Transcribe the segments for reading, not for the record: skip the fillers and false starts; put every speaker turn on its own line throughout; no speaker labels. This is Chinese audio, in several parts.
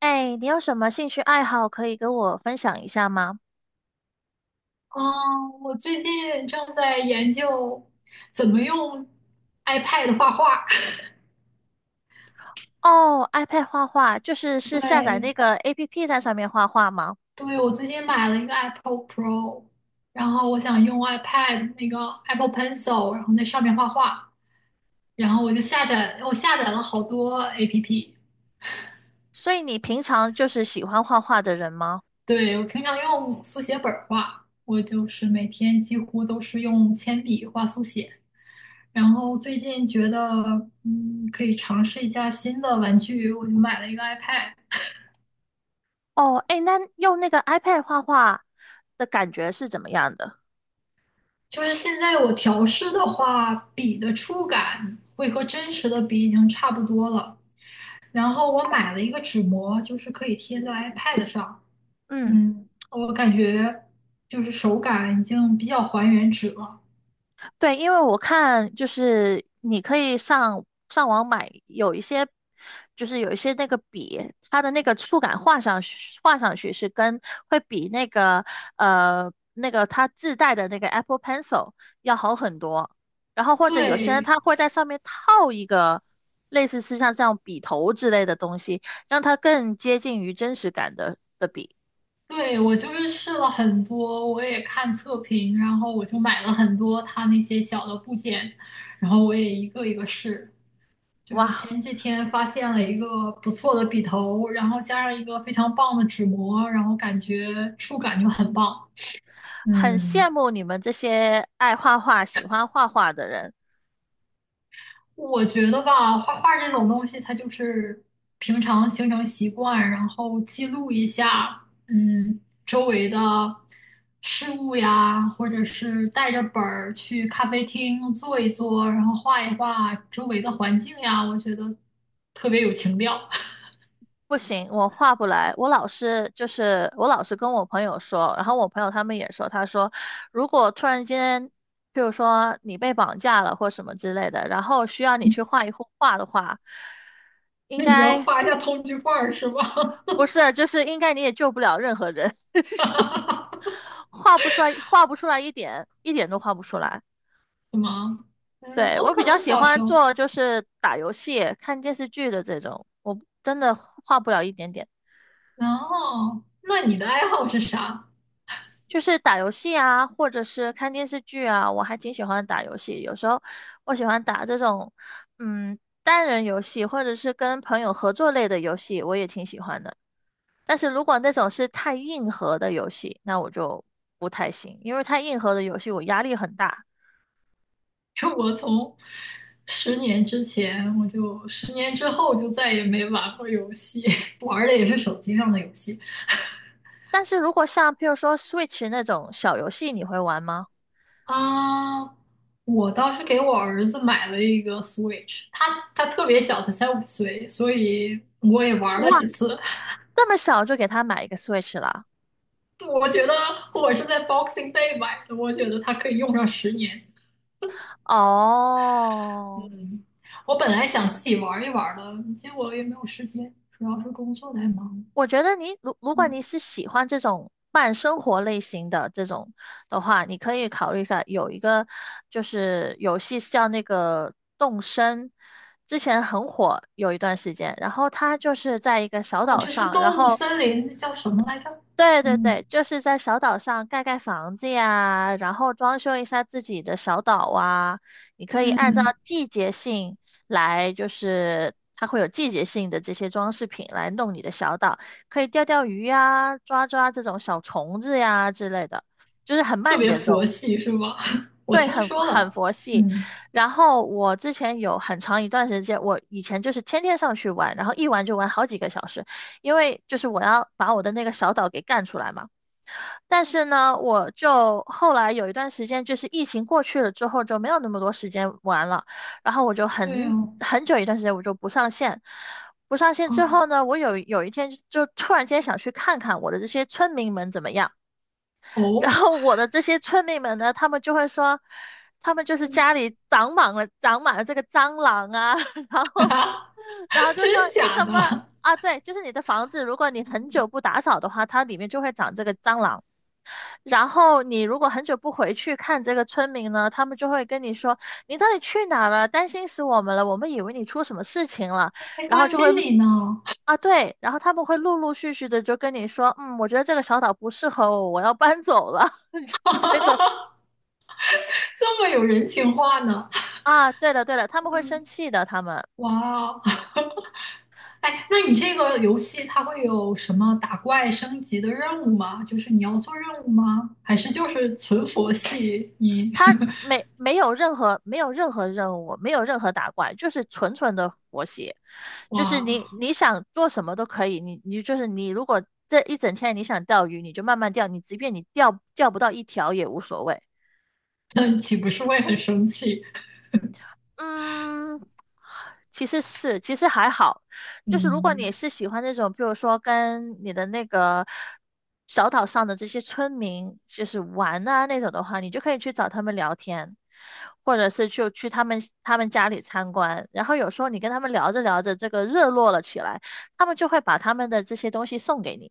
哎，你有什么兴趣爱好可以跟我分享一下吗？
嗯，我最近正在研究怎么用 iPad 画画。
哦，iPad 画画，就是 是下载那
对，
个 APP 在上面画画吗？
对，我最近买了一个 Apple Pro,然后我想用 iPad 那个 Apple Pencil,然后在上面画画。然后我下载了好多 APP。
所以你平常就是喜欢画画的人吗？
对，我平常用速写本儿画，我就是每天几乎都是用铅笔画速写。然后最近觉得，可以尝试一下新的玩具，我就买了一个 iPad。
哦，哎，那用那个 iPad 画画的感觉是怎么样的？
就是现在我调试的话，笔的触感会和真实的笔已经差不多了。然后我买了一个纸膜，就是可以贴在 iPad 上。
嗯。
我感觉就是手感已经比较还原纸了。
对，因为我看就是你可以上网买，有一些就是有一些那个笔，它的那个触感画上去是跟会比那个那个它自带的那个 Apple Pencil 要好很多。然后或者有些人
对，
他会在上面套一个类似是像这样笔头之类的东西，让它更接近于真实感的笔。
对，我就是试了很多，我也看测评，然后我就买了很多它那些小的部件，然后我也一个一个试。就是
哇，
前几天发现了一个不错的笔头，然后加上一个非常棒的纸膜，然后感觉触感就很棒。
很
嗯，
羡慕你们这些爱画画、喜欢画画的人。
我觉得吧，画画这种东西，它就是平常形成习惯，然后记录一下，周围的事物呀，或者是带着本儿去咖啡厅坐一坐，然后画一画周围的环境呀，我觉得特别有情调。
不行，我画不来。我老是跟我朋友说，然后我朋友他们也说，他说如果突然间，比如说你被绑架了或什么之类的，然后需要你去画一幅画的话，应
那你要
该
画一下通缉犯儿是吧？
不是，就是应该你也救不了任何人，就
哈哈
是
哈！
画不出来，画不出来一点，一点都画不出来。
什么？
对，
我
我比
可
较
能
喜
小
欢
熊。
做就是打游戏、看电视剧的这种，我真的画不了一点点。
然后，那你的爱好是啥？
就是打游戏啊，或者是看电视剧啊，我还挺喜欢打游戏。有时候我喜欢打这种，嗯，单人游戏，或者是跟朋友合作类的游戏，我也挺喜欢的。但是如果那种是太硬核的游戏，那我就不太行，因为太硬核的游戏我压力很大。
我从10年之前，我就10年之后就再也没玩过游戏，玩的也是手机上的游戏
但是如果像譬如说 Switch 那种小游戏，你会玩吗？
啊。我倒是给我儿子买了一个 Switch,他特别小，他才5岁，所以我也玩了
哇，
几次。
这么小就给他买一个 Switch 了
我觉得我是在 Boxing Day 买的，我觉得它可以用上十年。
啊？哦，
嗯，我本来想自己玩一玩的，结果也没有时间，主要是工作太忙了。
我觉得如果
嗯，
你是喜欢这种慢生活类型的这种的话，你可以考虑一下，有一个就是游戏是叫那个动森，之前很火有一段时间，然后它就是在一个小
哦，
岛
这是
上，然
动物
后
森林，那叫什么来着？
对对
嗯
对，就是在小岛上盖盖房子呀，然后装修一下自己的小岛啊。你可以按照
嗯，
季节性来，就是它会有季节性的这些装饰品来弄你的小岛，可以钓钓鱼呀，抓抓这种小虫子呀之类的，就是很
特
慢
别
节
佛
奏，
系是吧？我
对，
听
很
说
很
了。
佛系。
嗯，
然后我之前有很长一段时间，我以前就是天天上去玩，然后一玩就玩好几个小时，因为就是我要把我的那个小岛给干出来嘛。但是呢，我就后来有一段时间，就是疫情过去了之后，就没有那么多时间玩了。然后我就
对
很
哦，
很久一段时间我就不上线，不上线之后
哦
呢，我有一天就突然间想去看看我的这些村民们怎么样。然
哦，
后我的这些村民们呢，他们就会说，他们就是家里长满了这个蟑螂啊，然 后
啊
然后就
真
说你
假
怎么
的？
啊？对，就是你的房子，如果你很久不打扫的话，它里面就会长这个蟑螂。然后你如果很久不回去看这个村民呢，他们就会跟你说你到底去哪儿了，担心死我们了，我们以为你出什么事情了，
还
然
关
后就会
心你呢，
啊对，然后他们会陆陆续续的就跟你说，嗯，我觉得这个小岛不适合我，我要搬走了，就是这种
这么有人情话呢？
啊，对的，对的，他们会生气的，他们。
哇哦，哎，那你这个游戏它会有什么打怪升级的任务吗？就是你要做任务吗？还是就是存佛系？你
他没有任何没有任何任务，没有任何打怪，就是纯纯的活写，就是
哇，
你想做什么都可以，你你就是你如果这一整天你想钓鱼，你就慢慢钓，你即便你钓不到一条也无所谓。
那岂不是会很生气？
嗯，其实是，其实还好，就是如果你
嗯，
是喜欢那种，比如说跟你的那个小岛上的这些村民，就是玩啊那种的话，你就可以去找他们聊天，或者是就去他们家里参观。然后有时候你跟他们聊着聊着，这个热络了起来，他们就会把他们的这些东西送给你，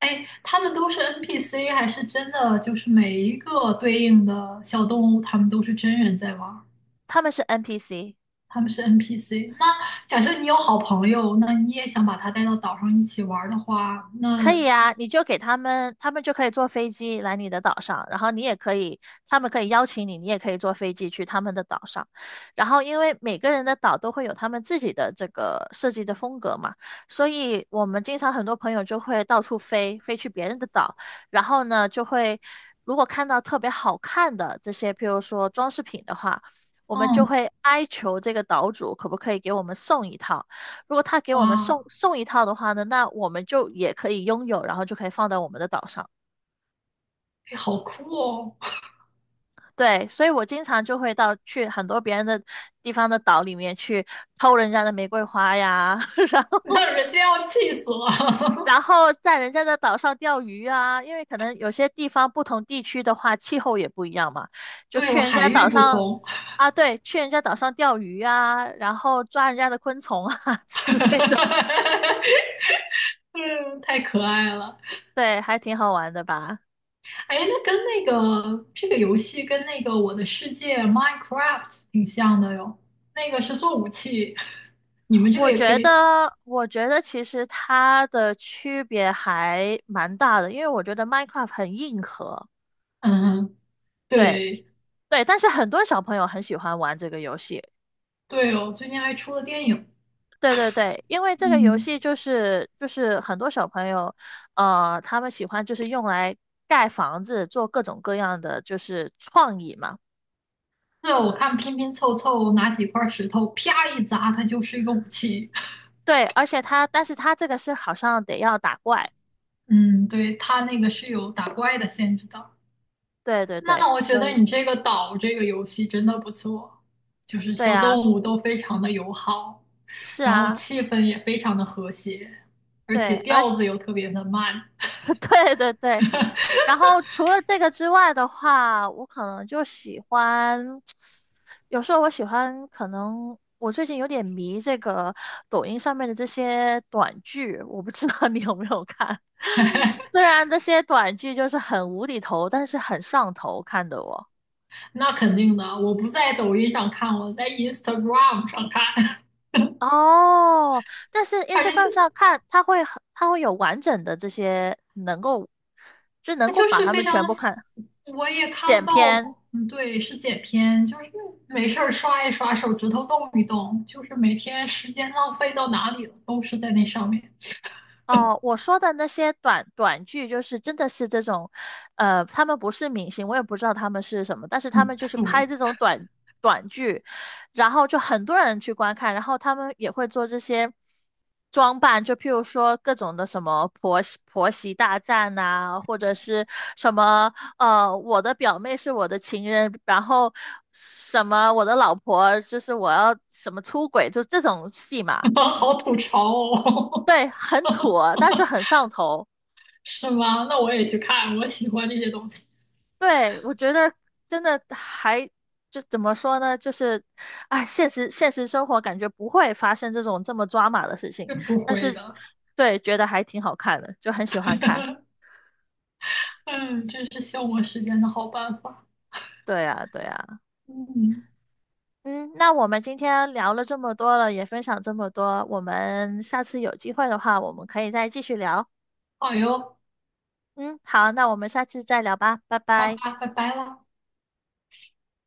哎，他们都是 NPC 还是真的？就是每一个对应的小动物，他们都是真人在玩儿，
他们是 NPC。
他们是 NPC。那假设你有好朋友，那你也想把他带到岛上一起玩儿的话，
可
那
以啊，你就给他们，他们就可以坐飞机来你的岛上，然后你也可以，他们可以邀请你，你也可以坐飞机去他们的岛上。然后，因为每个人的岛都会有他们自己的这个设计的风格嘛，所以我们经常很多朋友就会到处飞，飞去别人的岛，然后呢，就会如果看到特别好看的这些，譬如说装饰品的话，我们就
嗯，
会哀求这个岛主可不可以给我们送一套。如果他给我们
哇，
送一套的话呢，那我们就也可以拥有，然后就可以放在我们的岛上。
哎好酷哦！
对，所以我经常就会到去很多别人的地方的岛里面去偷人家的玫瑰花呀，然后
那人家要气死了。
然后在人家的岛上钓鱼啊，因为可能有些地方不同地区的话气候也不一样嘛，就
都
去
有
人
海
家
域
岛
不
上
同，
啊，对，去人家岛上钓鱼啊，然后抓人家的昆虫啊 之类的，
嗯，太可爱了。
对，还挺好玩的吧。
哎，那跟那个这个游戏跟那个《我的世界》Minecraft 挺像的哟。那个是做武器，你们这个
我
也可
觉
以。
得，我觉得其实它的区别还蛮大的，因为我觉得 Minecraft 很硬核，
嗯，
对
对
对，但是很多小朋友很喜欢玩这个游戏，
对哦，最近还出了电影。
对对对，因为这个游
嗯，
戏就是就是很多小朋友，他们喜欢就是用来盖房子，做各种各样的就是创意嘛，
对哦，我看拼拼凑凑拿几块石头啪一砸，它就是一个武器。
对，而且它，但是它这个是好像得要打怪，
嗯，对，它那个是有打怪的限制的。
对对对，
那我觉
所
得
以
你这个岛这个游戏真的不错，就是
对
小
啊，
动物都非常的友好，
是
然后
啊。
气氛也非常的和谐，而且
对，而
调子又特别的慢。
对对对，然后除了这个之外的话，我可能就喜欢，有时候我喜欢，可能我最近有点迷这个抖音上面的这些短剧，我不知道你有没有看。虽然这些短剧就是很无厘头，但是很上头，看的我。
那肯定的，我不在抖音上看，我在 Instagram 上看，
哦，但是
反正
Instagram
就
上看，它会很，它会有完整的这些能够，就能
它
够
就
把
是
它
非
们
常，
全部看
我也看不
剪
到，
片。
嗯，对，是剪片，就是没事儿刷一刷，手指头动一动，就是每天时间浪费到哪里了，都是在那上面，
哦，我说的那些短剧，就是真的是这种，他们不是明星，我也不知道他们是什么，但是他们就是拍
人。
这种短剧，然后就很多人去观看，然后他们也会做这些装扮，就譬如说各种的什么婆媳大战呐、或者是什么我的表妹是我的情人，然后什么我的老婆就是我要什么出轨，就这种戏嘛，
好吐槽哦，
对，很土啊 但是很上头。
是吗？那我也去看，我喜欢这些东西，
对，我觉得真的还就怎么说呢？就是啊，现实生活感觉不会发生这种这么抓马的事情，
是不
但
会
是
的。
对，觉得还挺好看的，就很喜欢看。
嗯，真是消磨时间的好办法。
对啊，对啊。
嗯，
嗯，那我们今天聊了这么多了，也分享这么多，我们下次有机会的话，我们可以再继续聊。
好哟，
嗯，好，那我们下次再聊吧，拜
好
拜。
吧，拜拜啦。